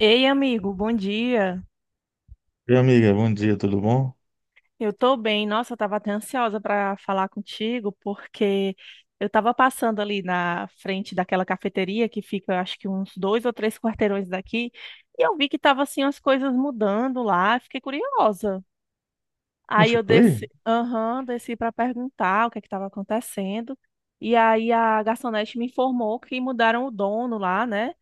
Ei, amigo, bom dia. E amiga, bom dia, tudo bom? Eu tô bem. Nossa, eu tava até ansiosa para falar contigo, porque eu tava passando ali na frente daquela cafeteria que fica, acho que uns dois ou três quarteirões daqui, e eu vi que tava assim as coisas mudando lá, fiquei curiosa. Não Aí eu ficou aí? desci, aham, desci para perguntar o que é que tava acontecendo. E aí a garçonete me informou que mudaram o dono lá, né?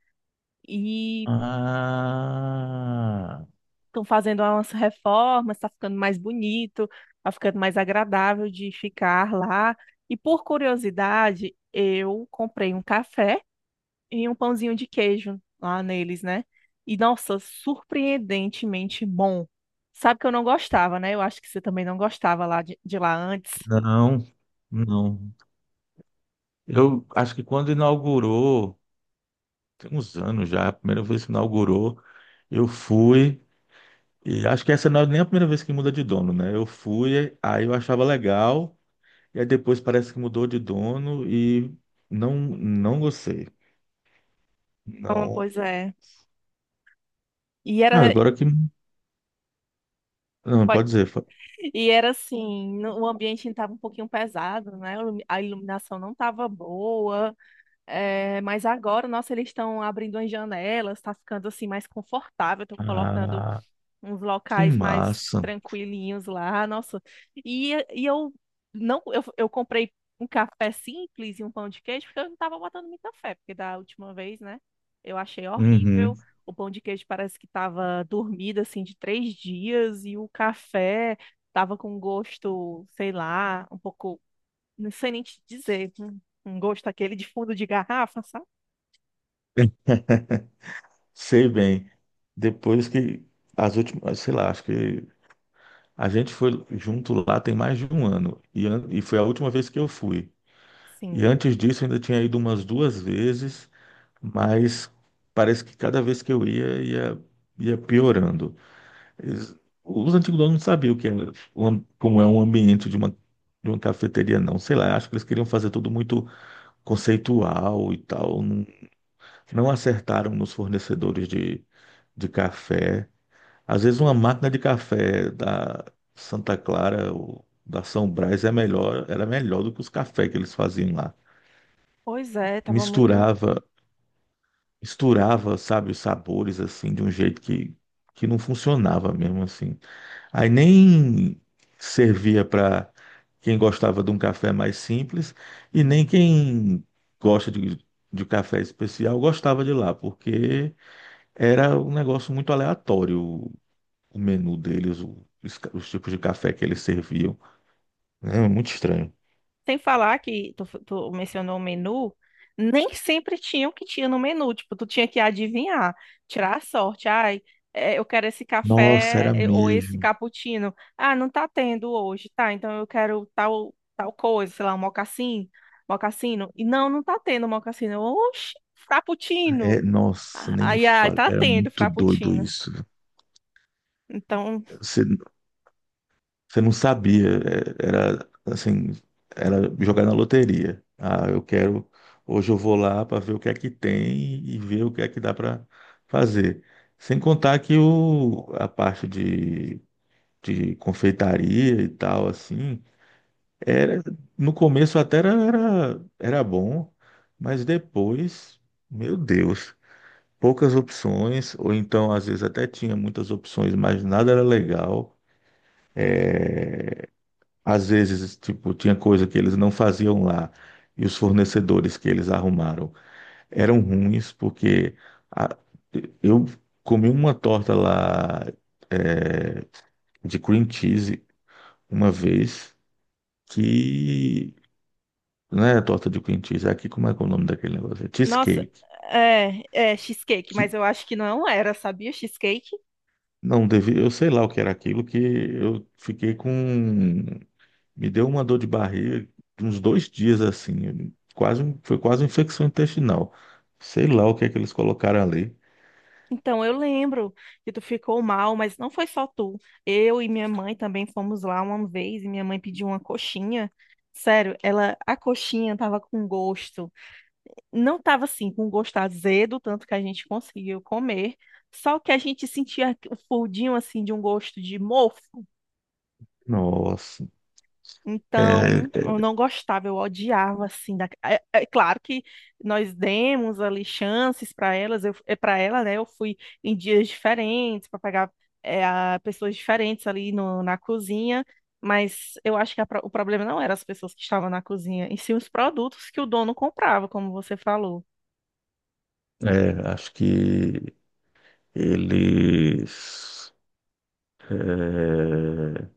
E Ah, estão fazendo umas reformas, está ficando mais bonito, está ficando mais agradável de ficar lá. E por curiosidade, eu comprei um café e um pãozinho de queijo lá neles, né? E nossa, surpreendentemente bom. Sabe que eu não gostava, né? Eu acho que você também não gostava lá de lá antes. não, não. Eu acho que quando inaugurou, tem uns anos já, a primeira vez que inaugurou, eu fui, e acho que essa não é nem a primeira vez que muda de dono, né? Eu fui, aí eu achava legal, e aí depois parece que mudou de dono e não, não gostei. Então, Não. pois é. E era, Ah, agora que. Não, pode- pode dizer. E era assim, o ambiente estava um pouquinho pesado, né? A iluminação não estava boa. É, mas agora, nossa, eles estão abrindo as janelas, tá ficando assim mais confortável, estão colocando Ah, uns que locais mais massa. tranquilinhos lá, nossa. E eu não, eu comprei um café simples e um pão de queijo, porque eu não tava botando muita fé, porque da última vez, né, eu achei horrível. Uhum. O pão de queijo parece que tava dormido assim de três dias, e o café tava com um gosto, sei lá, um pouco, não sei nem te dizer, um um gosto aquele de fundo de garrafa, sabe? Sei bem. Depois que as últimas, sei lá, acho que a gente foi junto lá tem mais de um ano e foi a última vez que eu fui. E Sim. antes disso eu ainda tinha ido umas duas vezes, mas parece que cada vez que eu ia, ia piorando. Eles- os antigos donos não sabiam o que é, como é um ambiente de uma cafeteria, não. Sei lá, acho que eles queriam fazer tudo muito conceitual e tal. Não, não acertaram nos fornecedores de café. Às vezes uma máquina de café da Santa Clara ou da São Brás é melhor, era melhor do que os cafés que eles faziam lá. Pois é, tava muito. Misturava, misturava, sabe, os sabores assim de um jeito que não funcionava mesmo assim. Aí nem servia para quem gostava de um café mais simples e nem quem gosta de café especial gostava de lá, porque era um negócio muito aleatório o menu deles, os tipos de café que eles serviam. É muito estranho. Sem falar que tu mencionou o menu, nem sempre tinha o que tinha no menu. Tipo, tu tinha que adivinhar, tirar a sorte. Ai, é, eu quero esse Nossa, café era é, ou esse mesmo. cappuccino. Ah, não tá tendo hoje, tá? Então eu quero tal, tal coisa, sei lá, um mocassim, mocassino. E não, não tá tendo mocassino. Oxi, frappuccino. É, nossa, Ah, nem me ai, ai, fala. tá Era tendo muito doido frappuccino. isso. Então, Você, você não sabia. É, era assim, era jogar na loteria. Ah, eu quero. Hoje eu vou lá para ver o que é que tem e ver o que é que dá para fazer. Sem contar que a parte de confeitaria e tal, assim, Era, no começo até era bom, mas depois, meu Deus, poucas opções, ou então às vezes até tinha muitas opções, mas nada era legal. Às vezes, tipo, tinha coisa que eles não faziam lá e os fornecedores que eles arrumaram eram ruins, porque a- eu comi uma torta lá, é, de cream cheese uma vez que não é torta de cream cheese, é aqui como é que é o nome daquele negócio? É nossa, cheesecake. é, é cheesecake, Que mas eu acho que não era, sabia? Cheesecake. não devia, eu sei lá o que era aquilo, que eu fiquei com. Me deu uma dor de barriga de uns 2 dias assim. Quase, foi quase uma infecção intestinal. Sei lá o que é que eles colocaram ali. Então eu lembro que tu ficou mal, mas não foi só tu. Eu e minha mãe também fomos lá uma vez e minha mãe pediu uma coxinha. Sério, ela, a coxinha tava com gosto. Não tava assim, com gosto azedo, tanto que a gente conseguiu comer. Só que a gente sentia o fundinho assim de um gosto de mofo. Nossa. Então, eu É, não gostava, eu odiava assim. É, é claro que nós demos ali chances para elas, eu para ela, né? Eu fui em dias diferentes para pegar é, pessoas diferentes ali na cozinha, mas eu acho que a o problema não era as pessoas que estavam na cozinha, e sim os produtos que o dono comprava, como você falou. Acho que eles. é,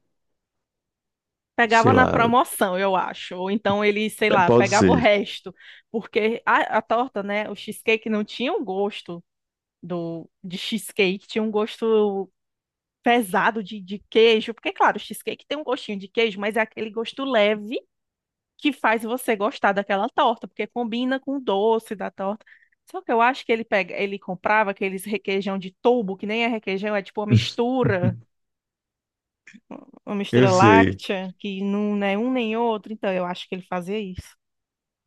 Pegava Sei na lá, promoção, eu acho. Ou então ele, sei lá, pode pegava o ser. resto, porque a torta, né? O cheesecake não tinha o gosto de cheesecake, tinha um gosto pesado de queijo, porque, claro, o cheesecake tem um gostinho de queijo, mas é aquele gosto leve que faz você gostar daquela torta, porque combina com o doce da torta. Só que eu acho que ele pega, ele comprava aqueles requeijão de tubo, que nem é requeijão, é tipo uma Eu mistura sei. láctea, que não é um nem outro. Então eu acho que ele fazia isso.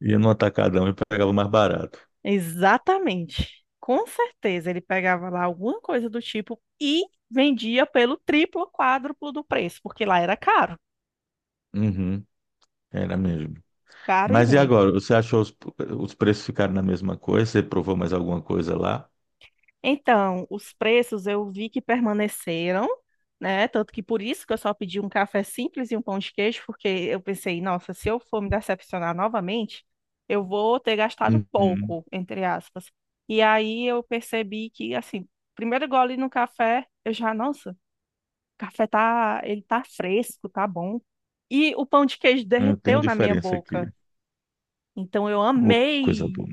Ia no atacadão e pegava mais barato. Exatamente. Com certeza ele pegava lá alguma coisa do tipo e vendia pelo triplo, quádruplo do preço, porque lá era caro, Uhum, era mesmo. caro e Mas e ruim. agora? Você achou os preços ficaram na mesma coisa? Você provou mais alguma coisa lá? Então, os preços eu vi que permaneceram, né? Tanto que por isso que eu só pedi um café simples e um pão de queijo, porque eu pensei, nossa, se eu for me decepcionar novamente, eu vou ter gastado Uhum. pouco, entre aspas. E aí eu percebi que, assim, primeiro gole no café, eu já, nossa, o café tá, ele tá fresco, tá bom. E o pão de queijo Não tem uma derreteu na minha diferença aqui. boca. Então eu Ô, coisa amei. boa.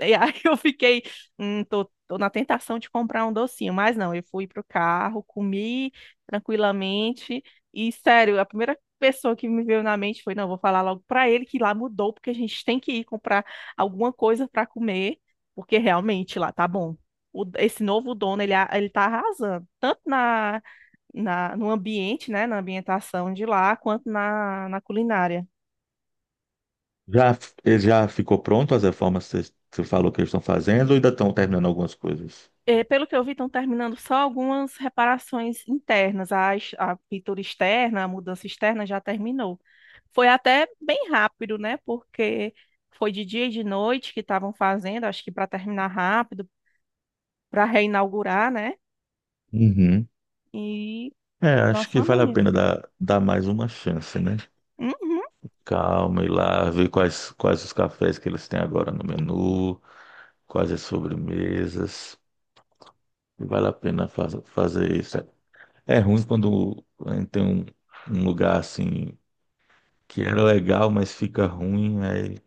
E aí eu fiquei, tô na tentação de comprar um docinho, mas não, eu fui pro carro, comi tranquilamente e sério, a primeira pessoa que me veio na mente foi, não, vou falar logo pra ele que lá mudou porque a gente tem que ir comprar alguma coisa pra comer, porque realmente lá tá bom. Esse novo dono, ele, ele tá arrasando, tanto na, no ambiente, né, na ambientação de lá, quanto na, na culinária. Já, Ele já ficou pronto as reformas que você falou que eles estão fazendo ou ainda estão terminando algumas coisas? Eh, pelo que eu vi, estão terminando só algumas reparações internas. A, a pintura externa, a mudança externa já terminou. Foi até bem rápido, né? Porque foi de dia e de noite que estavam fazendo, acho que para terminar rápido, para reinaugurar, né? Uhum. E É, acho nossa, que uma vale a bonito. pena dar mais uma chance, né? Uhum, Calma, ir lá, ver quais os cafés que eles têm agora no menu, quais as sobremesas. Vale a pena fazer isso. É ruim quando tem um lugar assim que era legal, mas fica ruim. Aí,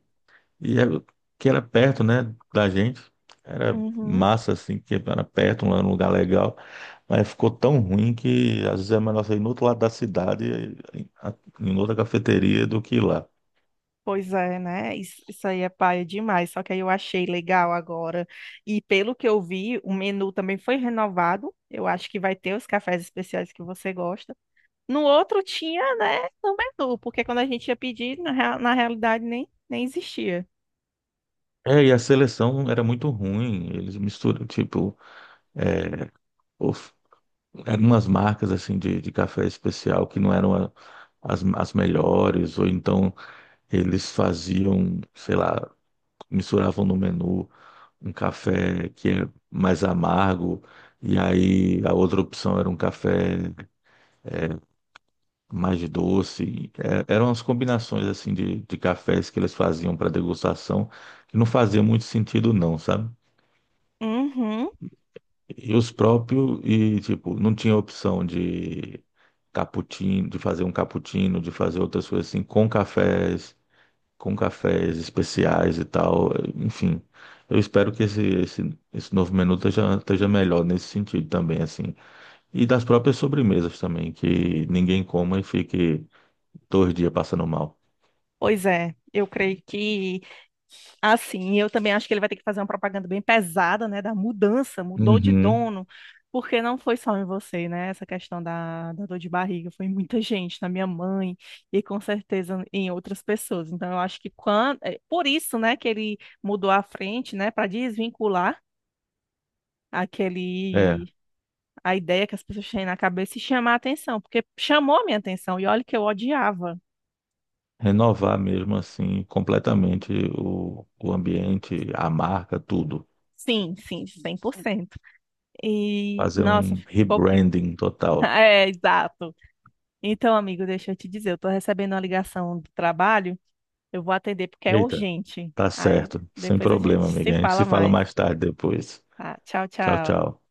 e era- que era perto, né, da gente. Era uhum. massa, assim, que era perto, um lugar legal. Mas ficou tão ruim que às vezes é melhor sair no outro lado da cidade, em em outra cafeteria, do que ir lá. Pois é, né? Isso aí é paia demais. Só que aí eu achei legal agora. E pelo que eu vi, o menu também foi renovado. Eu acho que vai ter os cafés especiais que você gosta. No outro tinha, né, no menu, porque quando a gente ia pedir, na realidade nem existia. É, e a seleção era muito ruim. Eles misturam, tipo, é, of- eram umas marcas assim de café especial que não eram as melhores, ou então eles faziam, sei lá, misturavam no menu um café que é mais amargo, e aí a outra opção era um café mais doce. É, eram as combinações assim de cafés que eles faziam para degustação, que não fazia muito sentido não, sabe? Uhum. E os próprios, e tipo, não tinha opção de cappuccino, de fazer um cappuccino, de fazer outras coisas assim, com cafés especiais e tal. Enfim, eu espero que esse novo menu esteja melhor nesse sentido também, assim. E das próprias sobremesas também, que ninguém coma e fique 2 dias passando mal. Pois é, eu creio que assim, eu também acho que ele vai ter que fazer uma propaganda bem pesada, né, da mudança, mudou de Uhum. dono, porque não foi só em você, né, essa questão da dor de barriga, foi em muita gente, na minha mãe e com certeza em outras pessoas. Então, eu acho que quando, é por isso, né, que ele mudou a frente, né, para desvincular É, aquele a ideia que as pessoas têm na cabeça e chamar a atenção, porque chamou a minha atenção e olha que eu odiava. renovar mesmo assim completamente o ambiente, a marca, tudo. Sim, sim, 100%. E, Fazer nossa, um ficou rebranding total. é, exato. Então, amigo, deixa eu te dizer, eu tô recebendo uma ligação do trabalho, eu vou atender porque é Eita, urgente. tá Aí certo, sem depois a gente problema, se amiga. A gente se fala fala mais. mais tarde depois. Tá? Tchau, Tchau, tchau. tchau.